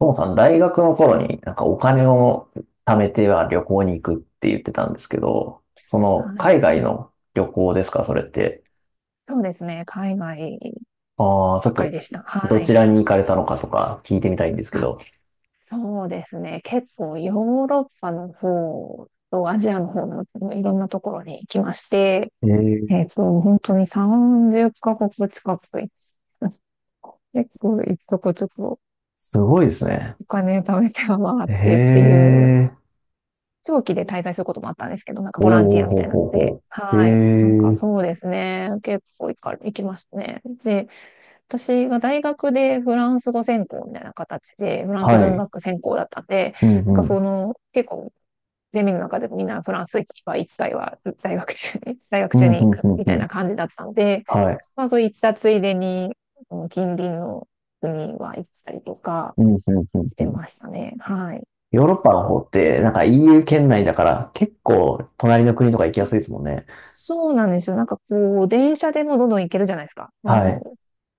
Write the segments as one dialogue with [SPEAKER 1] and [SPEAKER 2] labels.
[SPEAKER 1] ともさん、大学の頃になんかお金を貯めては旅行に行くって言ってたんですけど、その
[SPEAKER 2] はい。
[SPEAKER 1] 海外の旅行ですか、それって。
[SPEAKER 2] そうですね。海外
[SPEAKER 1] ああ、ちょ
[SPEAKER 2] ば
[SPEAKER 1] っ
[SPEAKER 2] っかり
[SPEAKER 1] と
[SPEAKER 2] でした。は
[SPEAKER 1] どち
[SPEAKER 2] い。
[SPEAKER 1] らに行かれたのかとか聞いてみたいんですけ
[SPEAKER 2] あ、
[SPEAKER 1] ど。
[SPEAKER 2] そうですね。結構ヨーロッパの方とアジアの方のいろんなところに行きまして、
[SPEAKER 1] ええ、
[SPEAKER 2] 本当に30カ国近く行って、結構一とこちょっと
[SPEAKER 1] すごいですね。
[SPEAKER 2] お金貯めては回ってって
[SPEAKER 1] へ
[SPEAKER 2] いう、
[SPEAKER 1] え、
[SPEAKER 2] 長期で滞在することもあったんですけど、なんか
[SPEAKER 1] お
[SPEAKER 2] ボ
[SPEAKER 1] おほ
[SPEAKER 2] ランティアみたい
[SPEAKER 1] う
[SPEAKER 2] なの
[SPEAKER 1] ほう
[SPEAKER 2] で、
[SPEAKER 1] ほう。へ
[SPEAKER 2] はい。なんか
[SPEAKER 1] え、
[SPEAKER 2] そうですね。結構行きましたね。で、私が大学でフランス語専攻みたいな形で、フランス
[SPEAKER 1] は
[SPEAKER 2] 文
[SPEAKER 1] い。
[SPEAKER 2] 学専攻だったんで、
[SPEAKER 1] う
[SPEAKER 2] なんか
[SPEAKER 1] んう
[SPEAKER 2] そ
[SPEAKER 1] ん。
[SPEAKER 2] の、結構、ゼミの中でもみんなフランスは一回は大学中に、大学
[SPEAKER 1] う
[SPEAKER 2] 中
[SPEAKER 1] んうん
[SPEAKER 2] に行く
[SPEAKER 1] うん
[SPEAKER 2] み
[SPEAKER 1] う
[SPEAKER 2] たい
[SPEAKER 1] ん。
[SPEAKER 2] な感じだったので、
[SPEAKER 1] はい。
[SPEAKER 2] まあそういったついでに、その近隣の国は行ったりとか
[SPEAKER 1] うんうんうん
[SPEAKER 2] し
[SPEAKER 1] う
[SPEAKER 2] て
[SPEAKER 1] ん。
[SPEAKER 2] ましたね。はい。
[SPEAKER 1] ヨーロッパの方って、なんか EU 圏内だから、結構隣の国とか行きやすいですもんね。
[SPEAKER 2] そうなんですよ。なんかこう、電車でもどんどん行けるじゃないですか。そ
[SPEAKER 1] は
[SPEAKER 2] の
[SPEAKER 1] い。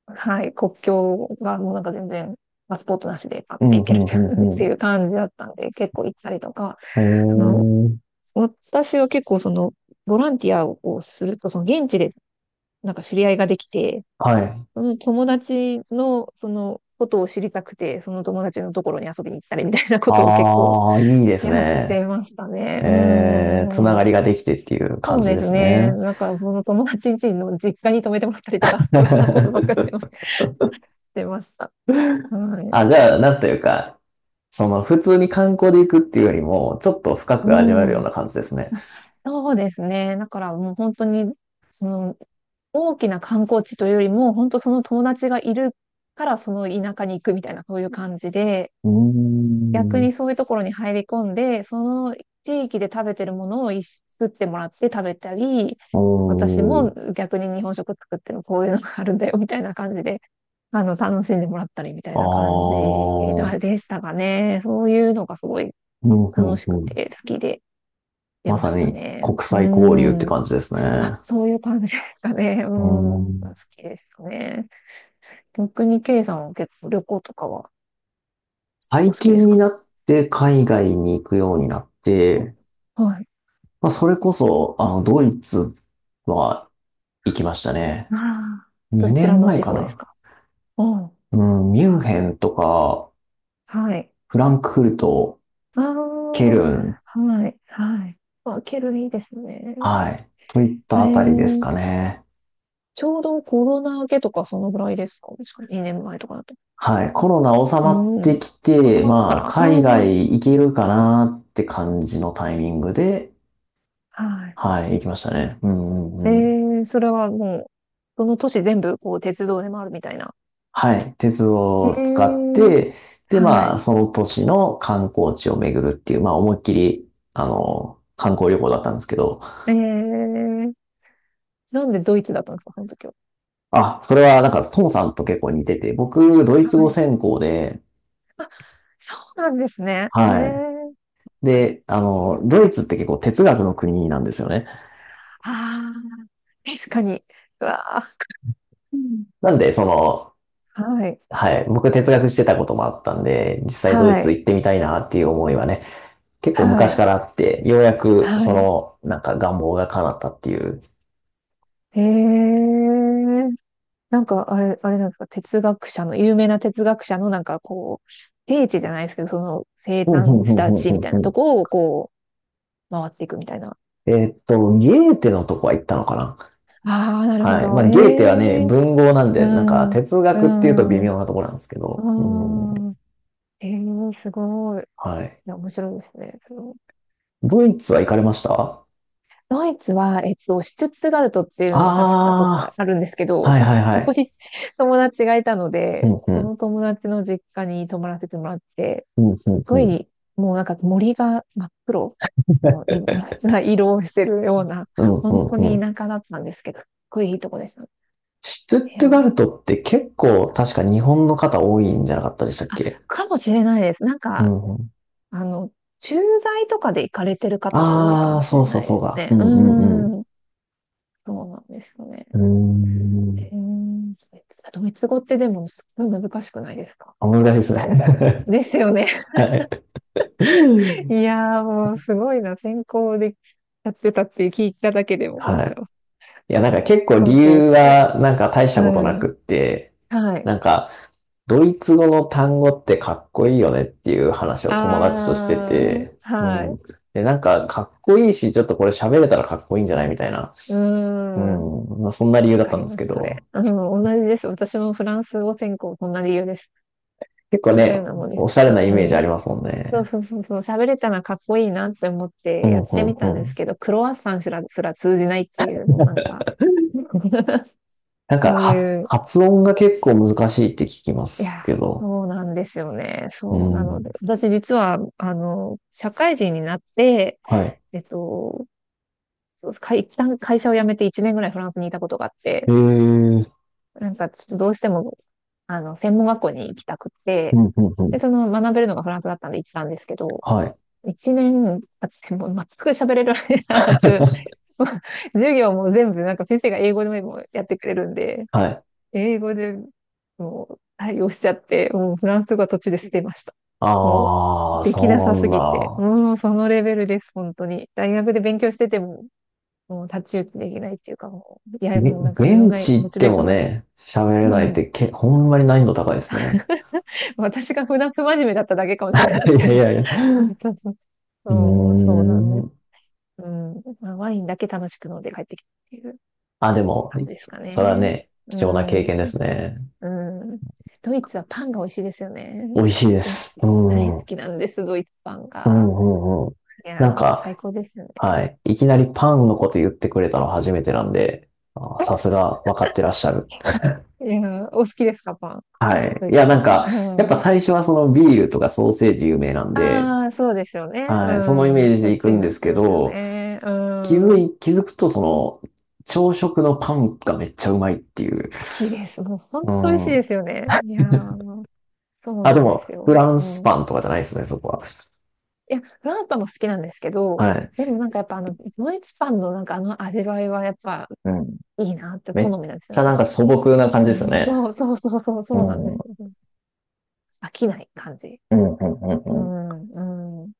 [SPEAKER 2] はい、国境がもうなんか全然パスポートなしでパッ
[SPEAKER 1] う
[SPEAKER 2] て
[SPEAKER 1] ん、
[SPEAKER 2] 行
[SPEAKER 1] う
[SPEAKER 2] けるっ
[SPEAKER 1] ん、
[SPEAKER 2] てい
[SPEAKER 1] う
[SPEAKER 2] う っ
[SPEAKER 1] ん、う
[SPEAKER 2] て
[SPEAKER 1] ん。
[SPEAKER 2] いう感じだったんで、結構行ったりとか、
[SPEAKER 1] へ
[SPEAKER 2] その、
[SPEAKER 1] え。
[SPEAKER 2] 私は結構その、ボランティアをすると、その現地でなんか知り合いができて、
[SPEAKER 1] はい。
[SPEAKER 2] その友達のそのことを知りたくて、その友達のところに遊びに行ったりみたいなことを結構
[SPEAKER 1] ああ、いいで す
[SPEAKER 2] やっ
[SPEAKER 1] ね。
[SPEAKER 2] てましたね。う
[SPEAKER 1] ええ、つながり
[SPEAKER 2] ー
[SPEAKER 1] が
[SPEAKER 2] ん。
[SPEAKER 1] できてっていう感
[SPEAKER 2] そう
[SPEAKER 1] じ
[SPEAKER 2] で
[SPEAKER 1] で
[SPEAKER 2] す
[SPEAKER 1] す
[SPEAKER 2] ね。
[SPEAKER 1] ね。
[SPEAKER 2] なんか、その友達ん家の実家に泊めてもらったりとか、そんなことばっかりして ました。はい。
[SPEAKER 1] あ、じゃあ、なんというか、普通に観光で行くっていうよりも、ちょっと深
[SPEAKER 2] う
[SPEAKER 1] く味わえるよう
[SPEAKER 2] ん。
[SPEAKER 1] な感じですね。
[SPEAKER 2] そうですね。だからもう本当に、その大きな観光地というよりも、本当その友達がいるからその田舎に行くみたいな、そういう感じで、
[SPEAKER 1] う
[SPEAKER 2] 逆
[SPEAKER 1] ー
[SPEAKER 2] に
[SPEAKER 1] ん。
[SPEAKER 2] そういうところに入り込んで、その地域で食べてるものを一緒に作ってもらって食べたり、
[SPEAKER 1] お
[SPEAKER 2] 私
[SPEAKER 1] ー。
[SPEAKER 2] も逆に日本食作ってるこういうのがあるんだよみたいな感じで、あの、楽しんでもらったりみた
[SPEAKER 1] あ
[SPEAKER 2] いな感じ
[SPEAKER 1] あ。
[SPEAKER 2] でしたかね。そういうのがすごい
[SPEAKER 1] うん、う
[SPEAKER 2] 楽
[SPEAKER 1] ん、
[SPEAKER 2] しく
[SPEAKER 1] うん。
[SPEAKER 2] て好きで出
[SPEAKER 1] ま
[SPEAKER 2] ま
[SPEAKER 1] さ
[SPEAKER 2] した
[SPEAKER 1] に
[SPEAKER 2] ね。
[SPEAKER 1] 国
[SPEAKER 2] う
[SPEAKER 1] 際交流って
[SPEAKER 2] ん。
[SPEAKER 1] 感じです
[SPEAKER 2] あ、
[SPEAKER 1] ね。
[SPEAKER 2] そういう感じですかね。う
[SPEAKER 1] うー
[SPEAKER 2] ん。好
[SPEAKER 1] ん。
[SPEAKER 2] きですね。逆に、ケイさんは結構旅行とかはお
[SPEAKER 1] 最
[SPEAKER 2] 好きで
[SPEAKER 1] 近
[SPEAKER 2] す
[SPEAKER 1] に
[SPEAKER 2] か？
[SPEAKER 1] なって海外に行くようになって、
[SPEAKER 2] あ、はい。
[SPEAKER 1] まあ、それこそ、ドイツは行きましたね。
[SPEAKER 2] ああ、ど
[SPEAKER 1] 2
[SPEAKER 2] ちらの
[SPEAKER 1] 年前
[SPEAKER 2] 地
[SPEAKER 1] か
[SPEAKER 2] 方です
[SPEAKER 1] な。
[SPEAKER 2] か？うん。
[SPEAKER 1] うん、ミュン
[SPEAKER 2] はい。
[SPEAKER 1] ヘンとか、
[SPEAKER 2] はい。
[SPEAKER 1] フランクフルト、
[SPEAKER 2] あ
[SPEAKER 1] ケ
[SPEAKER 2] あ、
[SPEAKER 1] ルン、
[SPEAKER 2] はい。はい。あ、ケルいいですね。
[SPEAKER 1] はい、といっ
[SPEAKER 2] え
[SPEAKER 1] たあたりです
[SPEAKER 2] ー、
[SPEAKER 1] かね。
[SPEAKER 2] ちょうどコロナ明けとかそのぐらいですか？確か2年前とかだと。
[SPEAKER 1] はい、コロナ収
[SPEAKER 2] う
[SPEAKER 1] まって
[SPEAKER 2] ん。
[SPEAKER 1] き
[SPEAKER 2] 収
[SPEAKER 1] て、
[SPEAKER 2] まってか
[SPEAKER 1] まあ、
[SPEAKER 2] ら。
[SPEAKER 1] 海
[SPEAKER 2] うん。
[SPEAKER 1] 外行けるかなって感じのタイミングで、
[SPEAKER 2] はい。
[SPEAKER 1] はい、行きましたね。うんう
[SPEAKER 2] え
[SPEAKER 1] んうん。
[SPEAKER 2] ー、それはもう、その都市全部こう鉄道で回るみたいな。
[SPEAKER 1] はい、鉄道
[SPEAKER 2] え
[SPEAKER 1] を使っ
[SPEAKER 2] え、
[SPEAKER 1] て、で、
[SPEAKER 2] は
[SPEAKER 1] まあ、
[SPEAKER 2] い。
[SPEAKER 1] その都市の観光地を巡るっていう、まあ、思いっきり、観光旅行だったんですけど、
[SPEAKER 2] ええ、なんでドイツだったんですか、その時は。
[SPEAKER 1] あ、それはなんか、トモさんと結構似てて、僕、ドイ
[SPEAKER 2] は
[SPEAKER 1] ツ語
[SPEAKER 2] い。
[SPEAKER 1] 専攻で、
[SPEAKER 2] そうなんですね。え
[SPEAKER 1] はい。
[SPEAKER 2] え、はい。
[SPEAKER 1] で、ドイツって結構哲学の国なんですよね。
[SPEAKER 2] ああ、確かに。うわあ、
[SPEAKER 1] なんで、
[SPEAKER 2] はい。
[SPEAKER 1] はい、僕哲学してたこともあったんで、実際ドイ
[SPEAKER 2] は
[SPEAKER 1] ツ
[SPEAKER 2] い。
[SPEAKER 1] 行ってみたいなっていう思いはね、結構
[SPEAKER 2] は
[SPEAKER 1] 昔
[SPEAKER 2] い。
[SPEAKER 1] からあって、ようやく、
[SPEAKER 2] はい。
[SPEAKER 1] なんか願望が叶ったっていう。
[SPEAKER 2] ええ、なんか、あれ、あれなんですか、哲学者の、有名な哲学者の、なんかこう、聖地じゃないですけど、その生
[SPEAKER 1] うんうん
[SPEAKER 2] 誕
[SPEAKER 1] う
[SPEAKER 2] し
[SPEAKER 1] んう
[SPEAKER 2] た
[SPEAKER 1] ん
[SPEAKER 2] 地みたい
[SPEAKER 1] う
[SPEAKER 2] な
[SPEAKER 1] んう
[SPEAKER 2] と
[SPEAKER 1] ん
[SPEAKER 2] こを、こう、回っていくみたいな。
[SPEAKER 1] ゲーテのとこは行ったのかな？
[SPEAKER 2] ああ、なるほ
[SPEAKER 1] はい。ま
[SPEAKER 2] ど。
[SPEAKER 1] あ、
[SPEAKER 2] え
[SPEAKER 1] ゲーテはね、
[SPEAKER 2] え、
[SPEAKER 1] 文豪なん
[SPEAKER 2] う
[SPEAKER 1] で、なんか
[SPEAKER 2] ん。
[SPEAKER 1] 哲
[SPEAKER 2] う
[SPEAKER 1] 学っていうと微
[SPEAKER 2] ん。あ
[SPEAKER 1] 妙なところなんですけど。うん。
[SPEAKER 2] あ、えー、すごい。い
[SPEAKER 1] はい。
[SPEAKER 2] や、面白いですね。その、
[SPEAKER 1] ドイツは行かれました？
[SPEAKER 2] ドイツは、シュツットガルトっていうのは確かどっか
[SPEAKER 1] あ
[SPEAKER 2] あるんですけ
[SPEAKER 1] あー、
[SPEAKER 2] ど、
[SPEAKER 1] はい
[SPEAKER 2] と、
[SPEAKER 1] はいは
[SPEAKER 2] そこ
[SPEAKER 1] い。
[SPEAKER 2] に 友達がいたの
[SPEAKER 1] う
[SPEAKER 2] で、
[SPEAKER 1] んう
[SPEAKER 2] そ
[SPEAKER 1] ん。
[SPEAKER 2] の友達の実家に泊まらせてもらって、
[SPEAKER 1] うんうん
[SPEAKER 2] すご
[SPEAKER 1] うん。
[SPEAKER 2] い、もうなんか森が真っ黒のい な色をしてるような、
[SPEAKER 1] うんう
[SPEAKER 2] 本
[SPEAKER 1] ん
[SPEAKER 2] 当
[SPEAKER 1] う
[SPEAKER 2] に
[SPEAKER 1] ん。
[SPEAKER 2] 田舎だったんですけど、すっごいいいとこでした。い
[SPEAKER 1] シュトゥッ
[SPEAKER 2] や
[SPEAKER 1] トガ
[SPEAKER 2] ー、
[SPEAKER 1] ルトって結構確か日本の方多いんじゃなかったでしたっ
[SPEAKER 2] あ、
[SPEAKER 1] け？
[SPEAKER 2] かもしれないです。なん
[SPEAKER 1] う
[SPEAKER 2] か、
[SPEAKER 1] んうん。
[SPEAKER 2] あの、駐在とかで行かれてる方が多いか
[SPEAKER 1] あ
[SPEAKER 2] も
[SPEAKER 1] あ、
[SPEAKER 2] し
[SPEAKER 1] そ
[SPEAKER 2] れ
[SPEAKER 1] うそう
[SPEAKER 2] ない
[SPEAKER 1] そ
[SPEAKER 2] で
[SPEAKER 1] う
[SPEAKER 2] す
[SPEAKER 1] だ。う
[SPEAKER 2] ね。う
[SPEAKER 1] んうんうん。
[SPEAKER 2] ーん。そうなんですよね。
[SPEAKER 1] うー
[SPEAKER 2] え
[SPEAKER 1] ん。
[SPEAKER 2] ー、ドイツ語ってでもすごい難しくないですか？
[SPEAKER 1] あ、難しいですね。
[SPEAKER 2] ですよね。
[SPEAKER 1] はい。
[SPEAKER 2] いやーもうすごいな。専攻でやってたって聞いただけでも、なん
[SPEAKER 1] は
[SPEAKER 2] か
[SPEAKER 1] い。いや、なんか
[SPEAKER 2] も
[SPEAKER 1] 結
[SPEAKER 2] う
[SPEAKER 1] 構理
[SPEAKER 2] 尊敬
[SPEAKER 1] 由
[SPEAKER 2] しかない。
[SPEAKER 1] はなんか大し
[SPEAKER 2] う
[SPEAKER 1] たことな
[SPEAKER 2] ん。
[SPEAKER 1] くって、
[SPEAKER 2] はい。
[SPEAKER 1] なんかドイツ語の単語ってかっこいいよねっていう話を友達として
[SPEAKER 2] あー、
[SPEAKER 1] て、
[SPEAKER 2] は
[SPEAKER 1] うん。
[SPEAKER 2] い。
[SPEAKER 1] で、なんかかっこいいし、ちょっとこれ喋れたらかっこいいんじゃないみたいな。
[SPEAKER 2] う
[SPEAKER 1] う
[SPEAKER 2] ーん。
[SPEAKER 1] ん。まあ、そんな理由
[SPEAKER 2] わ
[SPEAKER 1] だっ
[SPEAKER 2] か
[SPEAKER 1] たん
[SPEAKER 2] り
[SPEAKER 1] です
[SPEAKER 2] ま
[SPEAKER 1] け
[SPEAKER 2] す、それ。
[SPEAKER 1] ど、
[SPEAKER 2] うん、同じです。私もフランス語専攻、そんな理由です。
[SPEAKER 1] 結構
[SPEAKER 2] みたい
[SPEAKER 1] ね、
[SPEAKER 2] なもんです。
[SPEAKER 1] おしゃれなイメー
[SPEAKER 2] う
[SPEAKER 1] ジあ
[SPEAKER 2] ん。
[SPEAKER 1] りますもん
[SPEAKER 2] そう
[SPEAKER 1] ね。
[SPEAKER 2] そうそうそう、喋れたらかっこいいなって思っ
[SPEAKER 1] う
[SPEAKER 2] てや
[SPEAKER 1] ん、
[SPEAKER 2] っ
[SPEAKER 1] う
[SPEAKER 2] て
[SPEAKER 1] ん、
[SPEAKER 2] み
[SPEAKER 1] う
[SPEAKER 2] たんです
[SPEAKER 1] ん。
[SPEAKER 2] けど、クロワッサンすら通じないっていう、もうなんか、
[SPEAKER 1] なんか
[SPEAKER 2] そう
[SPEAKER 1] は
[SPEAKER 2] いう、
[SPEAKER 1] 発音が結構難しいって聞きま
[SPEAKER 2] い
[SPEAKER 1] す
[SPEAKER 2] や、
[SPEAKER 1] けど、
[SPEAKER 2] そうなんですよね。
[SPEAKER 1] う
[SPEAKER 2] そう、な
[SPEAKER 1] ん。
[SPEAKER 2] ので、私実は、あの、社会人になって、
[SPEAKER 1] はい。
[SPEAKER 2] えっと、一旦会社を辞めて1年ぐらいフランスにいたことがあっ
[SPEAKER 1] へ
[SPEAKER 2] て、
[SPEAKER 1] え、
[SPEAKER 2] なんかちょっとどうしても、あの、専門学校に行きたくっ
[SPEAKER 1] う
[SPEAKER 2] て、
[SPEAKER 1] ん、うん、うん。
[SPEAKER 2] で、その学べるのがフランスだったんで行ったんですけど、
[SPEAKER 1] はい。
[SPEAKER 2] 一年経っても全く喋れるわけにならず、もう授業も全部なんか先生が英語でもやってくれるんで、
[SPEAKER 1] はい。
[SPEAKER 2] 英語でもう対応しちゃって、もうフランス語は途中で捨てました。もう
[SPEAKER 1] ああ、
[SPEAKER 2] できな
[SPEAKER 1] そ
[SPEAKER 2] さ
[SPEAKER 1] うな
[SPEAKER 2] す
[SPEAKER 1] ん
[SPEAKER 2] ぎて、
[SPEAKER 1] だ。
[SPEAKER 2] もうそのレベルです、本当に。大学で勉強してても、もう太刀打ちできないっていうか、もう、いや、
[SPEAKER 1] げ、
[SPEAKER 2] もうなんか自分
[SPEAKER 1] 現
[SPEAKER 2] が、
[SPEAKER 1] 地
[SPEAKER 2] モ
[SPEAKER 1] 行っ
[SPEAKER 2] チ
[SPEAKER 1] て
[SPEAKER 2] ベーシ
[SPEAKER 1] も
[SPEAKER 2] ョンが、
[SPEAKER 1] ね、喋れ
[SPEAKER 2] う
[SPEAKER 1] ないって
[SPEAKER 2] ん。
[SPEAKER 1] け、ほんまに難易度高いですね。
[SPEAKER 2] 私が普段不真面目だっただけかもしれないで す
[SPEAKER 1] い
[SPEAKER 2] け
[SPEAKER 1] やい
[SPEAKER 2] ど。
[SPEAKER 1] やいや。
[SPEAKER 2] そうそう、
[SPEAKER 1] う
[SPEAKER 2] うん、
[SPEAKER 1] ー
[SPEAKER 2] そうなんです。
[SPEAKER 1] ん。
[SPEAKER 2] うん、まあ、ワインだけ楽しく飲んで帰ってきたっていう
[SPEAKER 1] あ、でも、
[SPEAKER 2] 感じですか
[SPEAKER 1] それは
[SPEAKER 2] ね。
[SPEAKER 1] ね、
[SPEAKER 2] う
[SPEAKER 1] 貴重な経験
[SPEAKER 2] ん、
[SPEAKER 1] ですね。
[SPEAKER 2] うん。ドイツはパンが美味しいですよね。
[SPEAKER 1] 美味しいで
[SPEAKER 2] ドイ
[SPEAKER 1] す。
[SPEAKER 2] ツ
[SPEAKER 1] う
[SPEAKER 2] 大
[SPEAKER 1] ん。う
[SPEAKER 2] 好
[SPEAKER 1] ん、
[SPEAKER 2] きなんです、ドイツパン
[SPEAKER 1] う
[SPEAKER 2] が。
[SPEAKER 1] ん、うん。
[SPEAKER 2] い
[SPEAKER 1] なん
[SPEAKER 2] やー、最
[SPEAKER 1] か、
[SPEAKER 2] 高ですよ
[SPEAKER 1] は
[SPEAKER 2] ね。
[SPEAKER 1] い。いきなりパンのこと言ってくれたの初めてなんで、あー、さす が分かってらっしゃる。
[SPEAKER 2] いやー、お好きですか、パン。
[SPEAKER 1] はい。
[SPEAKER 2] ド
[SPEAKER 1] い
[SPEAKER 2] イ
[SPEAKER 1] や、
[SPEAKER 2] ツパ
[SPEAKER 1] な
[SPEAKER 2] ン。
[SPEAKER 1] んか、やっ
[SPEAKER 2] う
[SPEAKER 1] ぱ
[SPEAKER 2] ん、
[SPEAKER 1] 最初はそのビールとかソーセージ有名なんで、
[SPEAKER 2] ああ、そうですよね。
[SPEAKER 1] はい。そのイ
[SPEAKER 2] うん、
[SPEAKER 1] メージ
[SPEAKER 2] そ
[SPEAKER 1] で
[SPEAKER 2] っ
[SPEAKER 1] 行
[SPEAKER 2] ち
[SPEAKER 1] く
[SPEAKER 2] に
[SPEAKER 1] ん
[SPEAKER 2] な
[SPEAKER 1] で
[SPEAKER 2] っ
[SPEAKER 1] す
[SPEAKER 2] て
[SPEAKER 1] け
[SPEAKER 2] ますよ
[SPEAKER 1] ど、
[SPEAKER 2] ね。うん、好
[SPEAKER 1] 気づくと朝食のパンがめっちゃうまいっていう。
[SPEAKER 2] きです。もう本
[SPEAKER 1] う
[SPEAKER 2] 当美味しいで
[SPEAKER 1] ん。
[SPEAKER 2] すよね。いや ー、そう
[SPEAKER 1] あ、で
[SPEAKER 2] なんで
[SPEAKER 1] も、
[SPEAKER 2] すよ。
[SPEAKER 1] フラン
[SPEAKER 2] う
[SPEAKER 1] ス
[SPEAKER 2] ん。
[SPEAKER 1] パンとかじゃないですね、そこは。
[SPEAKER 2] いや、フランスパンも好きなんですけど、
[SPEAKER 1] はい。
[SPEAKER 2] でもなんかやっぱあの、ドイツパンのなんかあの味わいはやっぱ
[SPEAKER 1] うん。
[SPEAKER 2] いいなって
[SPEAKER 1] め
[SPEAKER 2] 好
[SPEAKER 1] っ
[SPEAKER 2] みなんです
[SPEAKER 1] ち
[SPEAKER 2] よ、
[SPEAKER 1] ゃなん
[SPEAKER 2] 私
[SPEAKER 1] か
[SPEAKER 2] も。
[SPEAKER 1] 素朴な感じ
[SPEAKER 2] え
[SPEAKER 1] ですよ
[SPEAKER 2] ー、
[SPEAKER 1] ね。
[SPEAKER 2] そうそうそうそう、
[SPEAKER 1] う
[SPEAKER 2] そうなん
[SPEAKER 1] ん。
[SPEAKER 2] で
[SPEAKER 1] うん、
[SPEAKER 2] すよ。飽きない感じ。
[SPEAKER 1] うん、う
[SPEAKER 2] う
[SPEAKER 1] ん、うん。
[SPEAKER 2] ん、うん。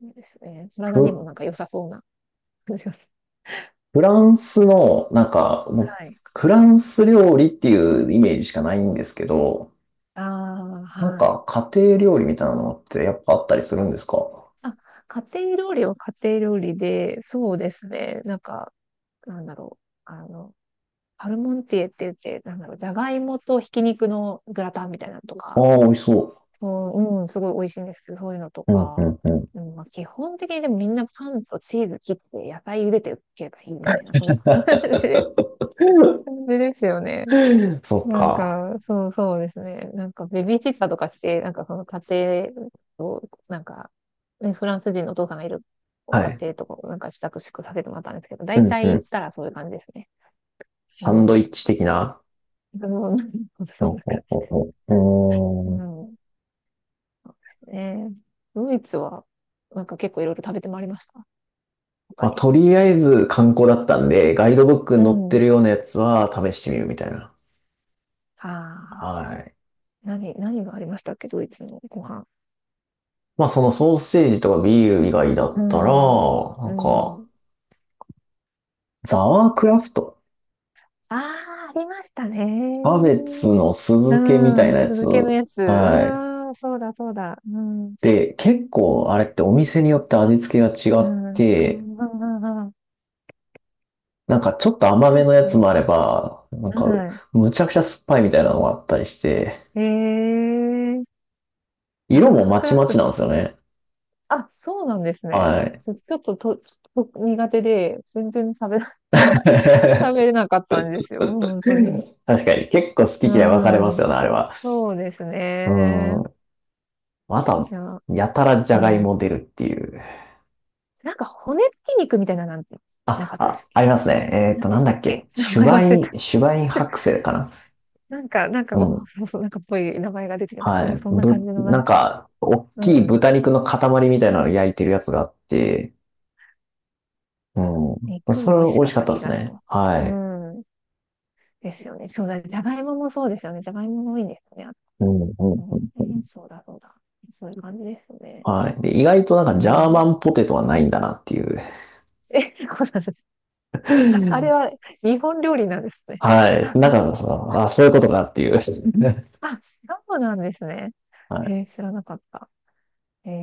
[SPEAKER 2] そうですね。体
[SPEAKER 1] フ、
[SPEAKER 2] にもなんか良さそうな感じが。
[SPEAKER 1] フランスの、なんか、もう
[SPEAKER 2] はい。
[SPEAKER 1] フランス料理っていうイメージしかないんですけど、
[SPEAKER 2] ああ、
[SPEAKER 1] なん
[SPEAKER 2] はい。
[SPEAKER 1] か家庭料理みたいなのってやっぱあったりするんですか？
[SPEAKER 2] あ、家庭料理は家庭料理で、そうですね。なんか、なんだろう。あの、パルモンティエって言って、なんだろう、じゃがいもとひき肉のグラタンみたいなのと
[SPEAKER 1] あ
[SPEAKER 2] か、
[SPEAKER 1] あ、美味しそ
[SPEAKER 2] うん、うん、すごい美味しいんです。そういうのと
[SPEAKER 1] う。うん、う
[SPEAKER 2] か。
[SPEAKER 1] ん、うん。
[SPEAKER 2] うん、まあ、基本的にでもみんなパンとチーズ切って野菜茹でておけばいいみたいな、そんな感じですよね。
[SPEAKER 1] そっ
[SPEAKER 2] なん
[SPEAKER 1] か。
[SPEAKER 2] か、そうそうですね。なんかベビーシッターとかして、なんかその家庭を、なんか、ね、フランス人のお父さんがいる
[SPEAKER 1] は
[SPEAKER 2] 家
[SPEAKER 1] い。
[SPEAKER 2] 庭とかをなんか支度宿させてもらったんですけど、
[SPEAKER 1] う
[SPEAKER 2] 大
[SPEAKER 1] ん
[SPEAKER 2] 体
[SPEAKER 1] う
[SPEAKER 2] 行っ
[SPEAKER 1] ん。
[SPEAKER 2] たらそういう感じですね。う
[SPEAKER 1] サンドイッ
[SPEAKER 2] ん。
[SPEAKER 1] チ的な。
[SPEAKER 2] でも
[SPEAKER 1] ほ
[SPEAKER 2] そ
[SPEAKER 1] う
[SPEAKER 2] んな
[SPEAKER 1] ほう
[SPEAKER 2] 感
[SPEAKER 1] ほ
[SPEAKER 2] じ
[SPEAKER 1] う
[SPEAKER 2] で。
[SPEAKER 1] ほ
[SPEAKER 2] う
[SPEAKER 1] う、うーん、
[SPEAKER 2] ん。ねえ、ドイツは、なんか結構いろいろ食べてまいりました。他
[SPEAKER 1] まあ、
[SPEAKER 2] に。
[SPEAKER 1] とりあえず観光だったんで、ガイドブック
[SPEAKER 2] う
[SPEAKER 1] に載って
[SPEAKER 2] ん。
[SPEAKER 1] るようなやつは試してみるみたいな。
[SPEAKER 2] ああ、
[SPEAKER 1] はい。
[SPEAKER 2] 何がありましたっけ、ドイツのご飯。
[SPEAKER 1] まあ、そのソーセージとかビール以外だ
[SPEAKER 2] う
[SPEAKER 1] ったら、な
[SPEAKER 2] ん。う
[SPEAKER 1] んか、
[SPEAKER 2] ん。
[SPEAKER 1] ザワークラフト。
[SPEAKER 2] ああ、ありました
[SPEAKER 1] キャ
[SPEAKER 2] ね。
[SPEAKER 1] ベツの酢
[SPEAKER 2] う
[SPEAKER 1] 漬けみたい
[SPEAKER 2] ん。
[SPEAKER 1] なやつ。
[SPEAKER 2] 続けのやつ。
[SPEAKER 1] はい。
[SPEAKER 2] うん。そうだ、そうだ。うん。
[SPEAKER 1] で、結構あれってお店によって味付けが違
[SPEAKER 2] う
[SPEAKER 1] っ
[SPEAKER 2] ん。うんう
[SPEAKER 1] て、
[SPEAKER 2] んうんうん、
[SPEAKER 1] なんかちょっと甘
[SPEAKER 2] ちょ
[SPEAKER 1] め
[SPEAKER 2] っ
[SPEAKER 1] のやつも
[SPEAKER 2] と、
[SPEAKER 1] あれば、なんか
[SPEAKER 2] は
[SPEAKER 1] むちゃくちゃ酸っぱいみたいなのがあったりして、
[SPEAKER 2] い。ええー、ダ
[SPEAKER 1] 色も
[SPEAKER 2] ー
[SPEAKER 1] ま
[SPEAKER 2] ク
[SPEAKER 1] ち
[SPEAKER 2] ラ
[SPEAKER 1] ま
[SPEAKER 2] フト。
[SPEAKER 1] ちなんですよね。
[SPEAKER 2] あ、そうなんですね。
[SPEAKER 1] はい。
[SPEAKER 2] す、ちょっとと、ちょっと苦手で、全然食べ、食べれ なかったんですよ。本当に。
[SPEAKER 1] 確かに。結構好
[SPEAKER 2] う
[SPEAKER 1] き嫌い分かれます
[SPEAKER 2] ん。
[SPEAKER 1] よね、あれは。
[SPEAKER 2] そうです
[SPEAKER 1] う
[SPEAKER 2] ね。
[SPEAKER 1] ーん。あと
[SPEAKER 2] じ
[SPEAKER 1] は、
[SPEAKER 2] ゃあ、
[SPEAKER 1] やたらじ
[SPEAKER 2] う
[SPEAKER 1] ゃがい
[SPEAKER 2] ん。
[SPEAKER 1] も出るっていう。
[SPEAKER 2] なんか骨付き肉みたいななんてな
[SPEAKER 1] あ、
[SPEAKER 2] かったで
[SPEAKER 1] あ、
[SPEAKER 2] すっ
[SPEAKER 1] あ
[SPEAKER 2] け？
[SPEAKER 1] りますね。
[SPEAKER 2] 何で
[SPEAKER 1] な
[SPEAKER 2] し
[SPEAKER 1] んだ
[SPEAKER 2] た
[SPEAKER 1] っ
[SPEAKER 2] っけ？
[SPEAKER 1] け。
[SPEAKER 2] 名前忘れた。
[SPEAKER 1] シュバイン 白製かな。
[SPEAKER 2] なんか、
[SPEAKER 1] う
[SPEAKER 2] お、
[SPEAKER 1] ん。
[SPEAKER 2] そうそう、 なんかっぽい名前が出てきた。
[SPEAKER 1] は
[SPEAKER 2] そ
[SPEAKER 1] い。
[SPEAKER 2] う、そんな感じのな
[SPEAKER 1] な
[SPEAKER 2] ん
[SPEAKER 1] ん
[SPEAKER 2] か、
[SPEAKER 1] か、大
[SPEAKER 2] う
[SPEAKER 1] きい
[SPEAKER 2] ん。
[SPEAKER 1] 豚肉の塊みたいなの焼いてるやつがあって、うん。
[SPEAKER 2] 肉
[SPEAKER 1] そ
[SPEAKER 2] も
[SPEAKER 1] れ
[SPEAKER 2] 美味し
[SPEAKER 1] 美味
[SPEAKER 2] か
[SPEAKER 1] し
[SPEAKER 2] っ
[SPEAKER 1] かっ
[SPEAKER 2] た
[SPEAKER 1] たで
[SPEAKER 2] 気
[SPEAKER 1] す
[SPEAKER 2] がする。
[SPEAKER 1] ね。
[SPEAKER 2] う
[SPEAKER 1] はい。
[SPEAKER 2] ん。ですよね。そうだ。じゃがいももそうですよね。じゃがいももいいんですよね。
[SPEAKER 1] うんうん。
[SPEAKER 2] うん。そうだ、そうだ。そういう感じですよね。
[SPEAKER 1] はい。で、意外となんか
[SPEAKER 2] う
[SPEAKER 1] ジャー
[SPEAKER 2] ん。
[SPEAKER 1] マンポテトはないんだなっていう。
[SPEAKER 2] え、そうなんです。あれ は日本料理なんですね。
[SPEAKER 1] はい。だ からさ、
[SPEAKER 2] あ、
[SPEAKER 1] あ、そういうことかっていう。
[SPEAKER 2] あ、そうなんですね。
[SPEAKER 1] は
[SPEAKER 2] へ
[SPEAKER 1] い。
[SPEAKER 2] え、知らなかった。ええ、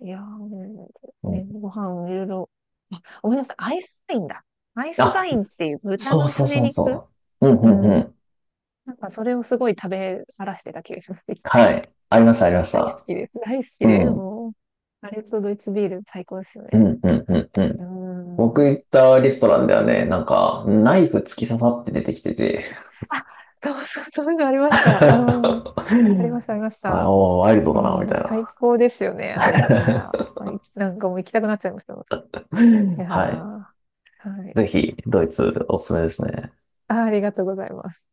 [SPEAKER 2] いやー、
[SPEAKER 1] う
[SPEAKER 2] ね、
[SPEAKER 1] ん、
[SPEAKER 2] ご飯いろいろ。あ、ごめんなさい。アイスバインだ。アイスバ
[SPEAKER 1] あ、
[SPEAKER 2] インっていう豚
[SPEAKER 1] そう
[SPEAKER 2] の
[SPEAKER 1] そ
[SPEAKER 2] す
[SPEAKER 1] う
[SPEAKER 2] ね
[SPEAKER 1] そう
[SPEAKER 2] 肉。
[SPEAKER 1] そう。うんう
[SPEAKER 2] う
[SPEAKER 1] んう
[SPEAKER 2] ん。
[SPEAKER 1] ん。
[SPEAKER 2] なんかそれをすごい食べらしてた気がします。一
[SPEAKER 1] は
[SPEAKER 2] 回
[SPEAKER 1] い。ありました、ありまし
[SPEAKER 2] 大好
[SPEAKER 1] た。
[SPEAKER 2] きです。大好き
[SPEAKER 1] う
[SPEAKER 2] で、
[SPEAKER 1] ん。
[SPEAKER 2] もう。あれとドイツビール最高ですよ
[SPEAKER 1] う
[SPEAKER 2] ね。
[SPEAKER 1] んうんうんうん。
[SPEAKER 2] う
[SPEAKER 1] 僕
[SPEAKER 2] ん。
[SPEAKER 1] 行ったレストランではね、なんか、ナイフ突き刺さって出てきてて。
[SPEAKER 2] あ、そうそう、そういうのありまし た。うん。ありました、ありました。
[SPEAKER 1] あおー、ワイルド
[SPEAKER 2] う
[SPEAKER 1] だな、み
[SPEAKER 2] ん、
[SPEAKER 1] たい
[SPEAKER 2] 最
[SPEAKER 1] な。
[SPEAKER 2] 高ですよね、あれ。い や、い、なんかもう行きたくなっちゃいました、また。いやー、
[SPEAKER 1] はい。
[SPEAKER 2] はい。
[SPEAKER 1] ぜひ、ドイツおすすめですね。
[SPEAKER 2] あ、ありがとうございます。